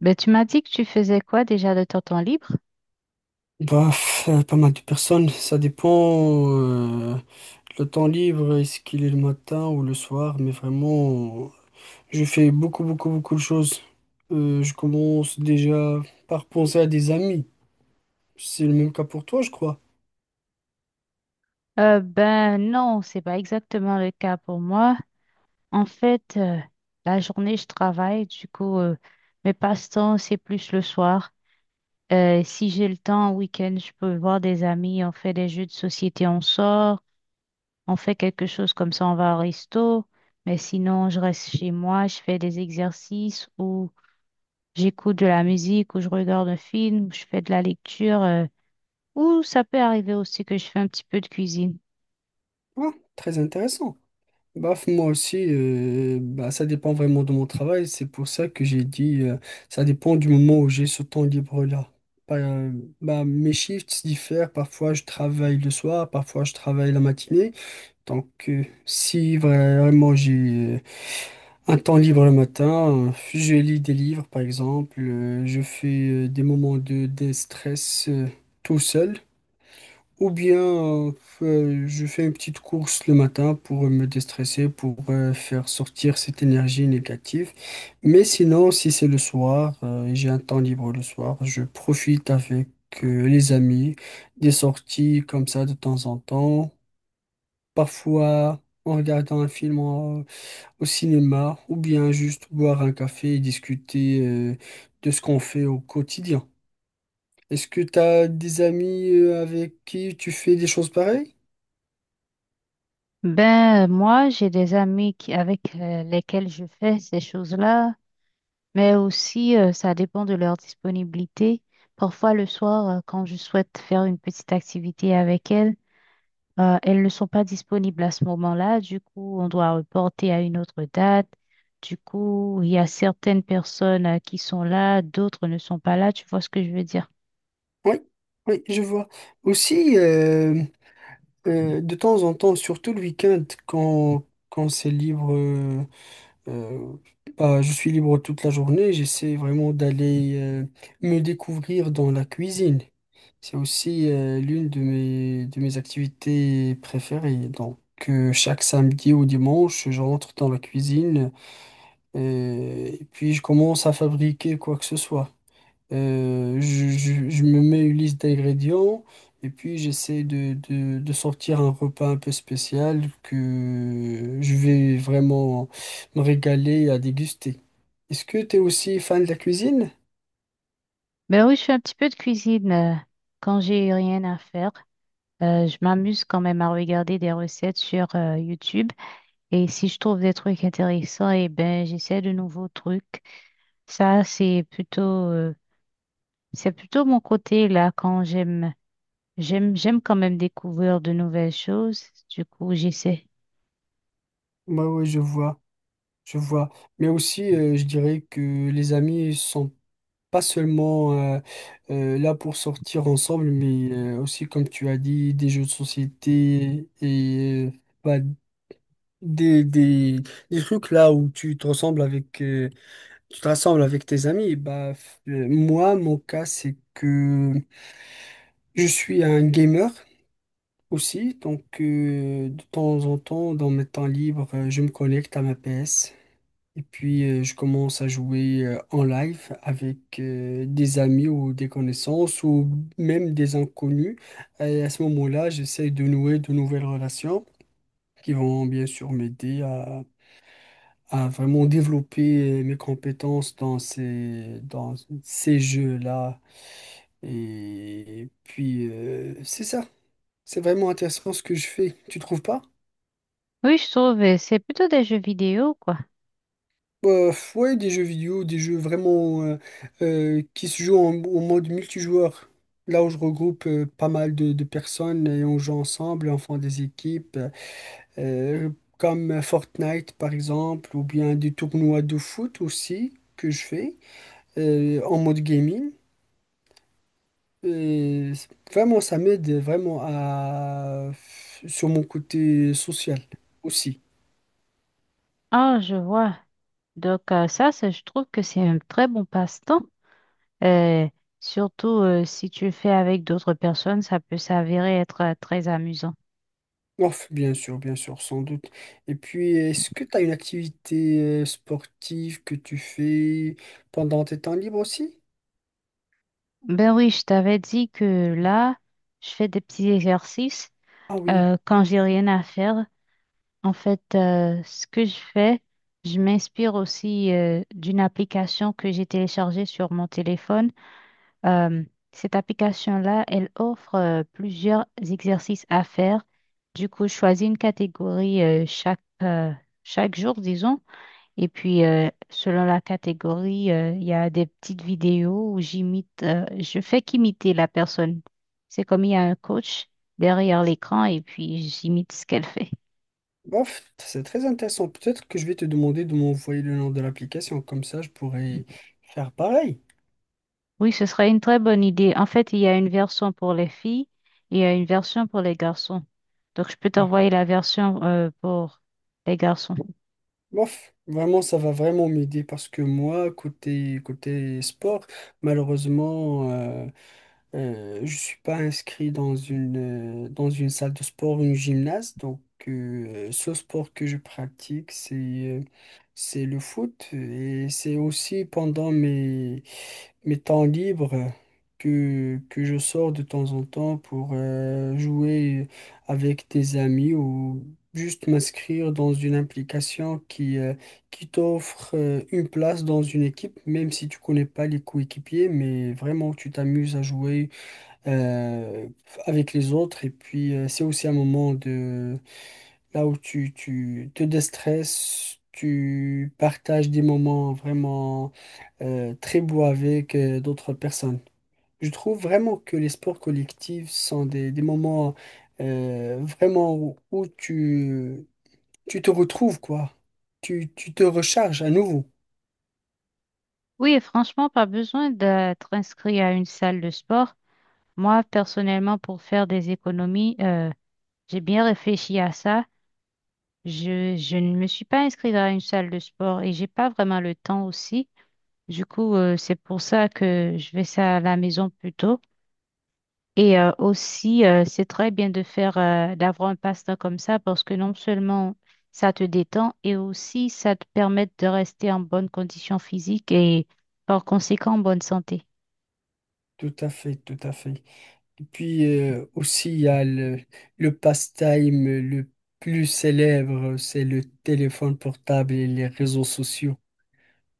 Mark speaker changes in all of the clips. Speaker 1: Ben, tu m'as dit que tu faisais quoi déjà de ton temps libre?
Speaker 2: Pas mal de personnes, ça dépend. Le temps libre, est-ce qu'il est le matin ou le soir? Mais vraiment, je fais beaucoup, beaucoup, beaucoup de choses. Je commence déjà par penser à des amis. C'est le même cas pour toi, je crois.
Speaker 1: Ben non, c'est pas exactement le cas pour moi. En fait, la journée, je travaille, du coup, mes passe-temps, c'est plus le soir. Si j'ai le temps, en week-end, je peux voir des amis, on fait des jeux de société, on sort. On fait quelque chose comme ça, on va au resto, mais sinon, je reste chez moi, je fais des exercices ou j'écoute de la musique ou je regarde un film, ou je fais de la lecture, ou ça peut arriver aussi que je fais un petit peu de cuisine.
Speaker 2: Ah, très intéressant. Moi aussi, bah, ça dépend vraiment de mon travail. C'est pour ça que j'ai dit, ça dépend du moment où j'ai ce temps libre-là. Par- euh, Bah, mes shifts diffèrent. Parfois, je travaille le soir, parfois, je travaille la matinée. Donc, si vraiment j'ai euh, un temps libre le matin, je lis des livres, par exemple, je fais des moments de déstress tout seul, ou bien je fais une petite course le matin pour me déstresser, pour faire sortir cette énergie négative. Mais sinon, si c'est le soir, j'ai un temps libre le soir, je profite avec les amis, des sorties comme ça de temps en temps. Parfois, en regardant un film au cinéma, ou bien juste boire un café et discuter de ce qu'on fait au quotidien. Est-ce que tu as des amis avec qui tu fais des choses pareilles?
Speaker 1: Moi, j'ai des amis qui, avec lesquels je fais ces choses-là, mais aussi, ça dépend de leur disponibilité. Parfois, le soir, quand je souhaite faire une petite activité avec elles, elles ne sont pas disponibles à ce moment-là, du coup, on doit reporter à une autre date. Du coup, il y a certaines personnes qui sont là, d'autres ne sont pas là, tu vois ce que je veux dire.
Speaker 2: Oui, oui, je vois. Aussi, de temps en temps, surtout le week-end, quand c'est libre, euh, bah, je suis libre toute la journée, j'essaie vraiment d'aller me découvrir dans la cuisine. C'est aussi l'une de mes activités préférées. Donc, chaque samedi ou dimanche, je rentre dans la cuisine et puis je commence à fabriquer quoi que ce soit. Je me mets une liste d'ingrédients et puis j'essaie de sortir un repas un peu spécial que je vais vraiment me régaler à déguster. Est-ce que tu es aussi fan de la cuisine?
Speaker 1: Ben oui, je fais un petit peu de cuisine quand j'ai rien à faire. Je m'amuse quand même à regarder des recettes sur YouTube. Et si je trouve des trucs intéressants, eh ben, j'essaie de nouveaux trucs. Ça, c'est plutôt mon côté là quand j'aime. J'aime quand même découvrir de nouvelles choses. Du coup, j'essaie.
Speaker 2: Bah oui, je vois. Je vois. Mais aussi, je dirais que les amis sont pas seulement là pour sortir ensemble, mais aussi, comme tu as dit, des jeux de société et bah, des, des, des trucs là où tu te ressembles avec, tu te rassembles avec tes amis. Moi, mon cas, c'est que je suis un gamer aussi, donc de temps en temps, dans mes temps libres, je me connecte à ma PS. Et puis, je commence à jouer en live avec des amis ou des connaissances ou même des inconnus. Et à ce moment-là, j'essaie de nouer de nouvelles relations qui vont bien sûr m'aider à vraiment développer mes compétences dans dans ces jeux-là. Et puis, c'est ça. C'est vraiment intéressant ce que je fais. Tu trouves pas?
Speaker 1: Oui, je trouve, c'est plutôt des jeux vidéo, quoi.
Speaker 2: Ouais, des jeux vidéo, des jeux vraiment qui se jouent en mode multijoueur. Là où je regroupe pas mal de personnes et on joue ensemble, on fait des équipes, euh, comme Fortnite par exemple, ou bien des tournois de foot aussi que je fais en mode gaming. Vraiment, ça m'aide vraiment à sur mon côté social aussi.
Speaker 1: Ah, je vois. Donc, ça, je trouve que c'est un très bon passe-temps. Euh, surtout si tu le fais avec d'autres personnes, ça peut s'avérer être très amusant.
Speaker 2: Ouf, bien sûr, sans doute. Et puis, est-ce que tu as une activité sportive que tu fais pendant tes temps libres aussi?
Speaker 1: Ben oui, je t'avais dit que là, je fais des petits exercices
Speaker 2: Ah oui.
Speaker 1: quand j'ai rien à faire. En fait, ce que je fais, je m'inspire aussi d'une application que j'ai téléchargée sur mon téléphone. Euh, cette application-là, elle offre plusieurs exercices à faire. Du coup, je choisis une catégorie chaque jour, disons. Et puis, selon la catégorie, il y a des petites vidéos où je fais qu'imiter la personne. C'est comme il y a un coach derrière l'écran et puis j'imite ce qu'elle fait.
Speaker 2: Bof, c'est très intéressant. Peut-être que je vais te demander de m'envoyer le nom de l'application, comme ça je pourrais faire pareil.
Speaker 1: Oui, ce serait une très bonne idée. En fait, il y a une version pour les filles et il y a une version pour les garçons. Donc, je peux
Speaker 2: Bon,
Speaker 1: t'envoyer la version pour les garçons.
Speaker 2: bof, vraiment, ça va vraiment m'aider parce que moi, côté, côté sport, malheureusement, je suis pas inscrit dans une salle de sport ou une gymnase, donc ce sport que je pratique, c'est le foot et c'est aussi pendant mes, mes temps libres que je sors de temps en temps pour jouer avec des amis ou juste m'inscrire dans une application qui qui t'offre une place dans une équipe, même si tu connais pas les coéquipiers, mais vraiment tu t'amuses à jouer euh, avec les autres. Et puis, c'est aussi un moment de là où tu te déstresses, tu partages des moments vraiment très beaux avec d'autres personnes. Je trouve vraiment que les sports collectifs sont des moments vraiment où tu te retrouves, quoi. Tu te recharges à nouveau.
Speaker 1: Oui, et franchement, pas besoin d'être inscrit à une salle de sport. Moi, personnellement, pour faire des économies, j'ai bien réfléchi à ça. Je ne me suis pas inscrite à une salle de sport et j'ai pas vraiment le temps aussi. Du coup, c'est pour ça que je vais ça à la maison plutôt. Et c'est très bien de d'avoir un passe-temps comme ça parce que non seulement ça te détend et aussi ça te permet de rester en bonne condition physique et par conséquent en bonne santé.
Speaker 2: Tout à fait, tout à fait. Puis aussi, il y a le passe-time le plus célèbre, c'est le téléphone portable et les réseaux sociaux.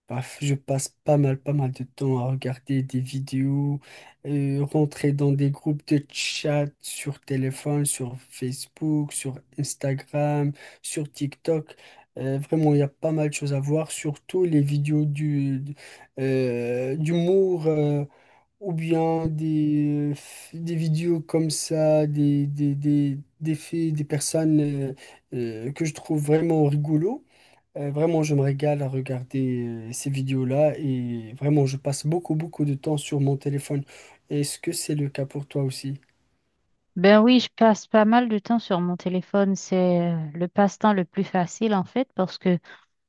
Speaker 2: Bref, je passe pas mal, pas mal de temps à regarder des vidéos, rentrer dans des groupes de chat sur téléphone, sur Facebook, sur Instagram, sur TikTok. Vraiment, il y a pas mal de choses à voir, surtout les vidéos d'humour. Ou bien des vidéos comme ça, des faits, des personnes que je trouve vraiment rigolo. Vraiment, je me régale à regarder ces vidéos-là et vraiment, je passe beaucoup, beaucoup de temps sur mon téléphone. Est-ce que c'est le cas pour toi aussi?
Speaker 1: Ben oui, je passe pas mal de temps sur mon téléphone. C'est le passe-temps le plus facile en fait parce que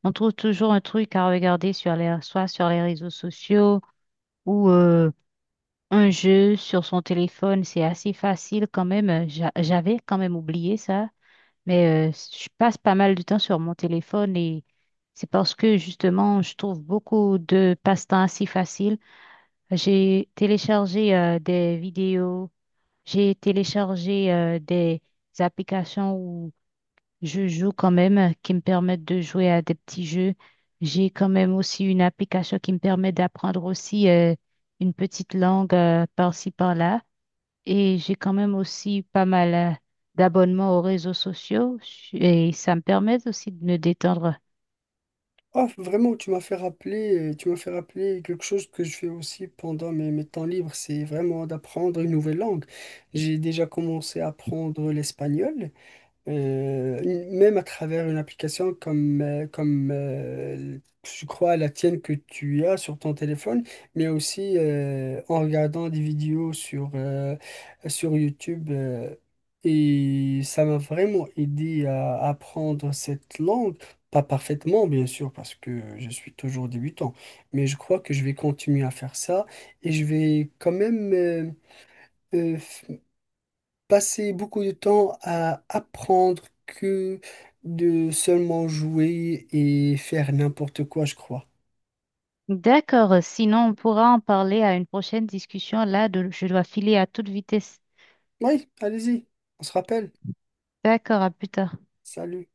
Speaker 1: On trouve toujours un truc à regarder sur les, soit sur les réseaux sociaux ou un jeu sur son téléphone. C'est assez facile quand même. J'avais quand même oublié ça, mais je passe pas mal de temps sur mon téléphone et c'est parce que justement, je trouve beaucoup de passe-temps assez faciles. J'ai téléchargé des vidéos, j'ai téléchargé des applications je joue quand même, qui me permettent de jouer à des petits jeux. J'ai quand même aussi une application qui me permet d'apprendre aussi une petite langue par-ci, par-là. Et j'ai quand même aussi pas mal d'abonnements aux réseaux sociaux et ça me permet aussi de me détendre.
Speaker 2: Oh, vraiment, tu m'as fait rappeler quelque chose que je fais aussi pendant mes, mes temps libres, c'est vraiment d'apprendre une nouvelle langue. J'ai déjà commencé à apprendre l'espagnol. Euh, Même à travers une application comme je crois la tienne que tu as sur ton téléphone, mais aussi en regardant des vidéos sur YouTube. Et ça m'a vraiment aidé à apprendre cette langue. Pas parfaitement, bien sûr, parce que je suis toujours débutant, mais je crois que je vais continuer à faire ça et je vais quand même... euh, passer beaucoup de temps à apprendre que de seulement jouer et faire n'importe quoi, je crois.
Speaker 1: D'accord, sinon on pourra en parler à une prochaine discussion. Là, je dois filer à toute vitesse.
Speaker 2: Oui, allez-y, on se rappelle.
Speaker 1: D'accord, à plus tard.
Speaker 2: Salut.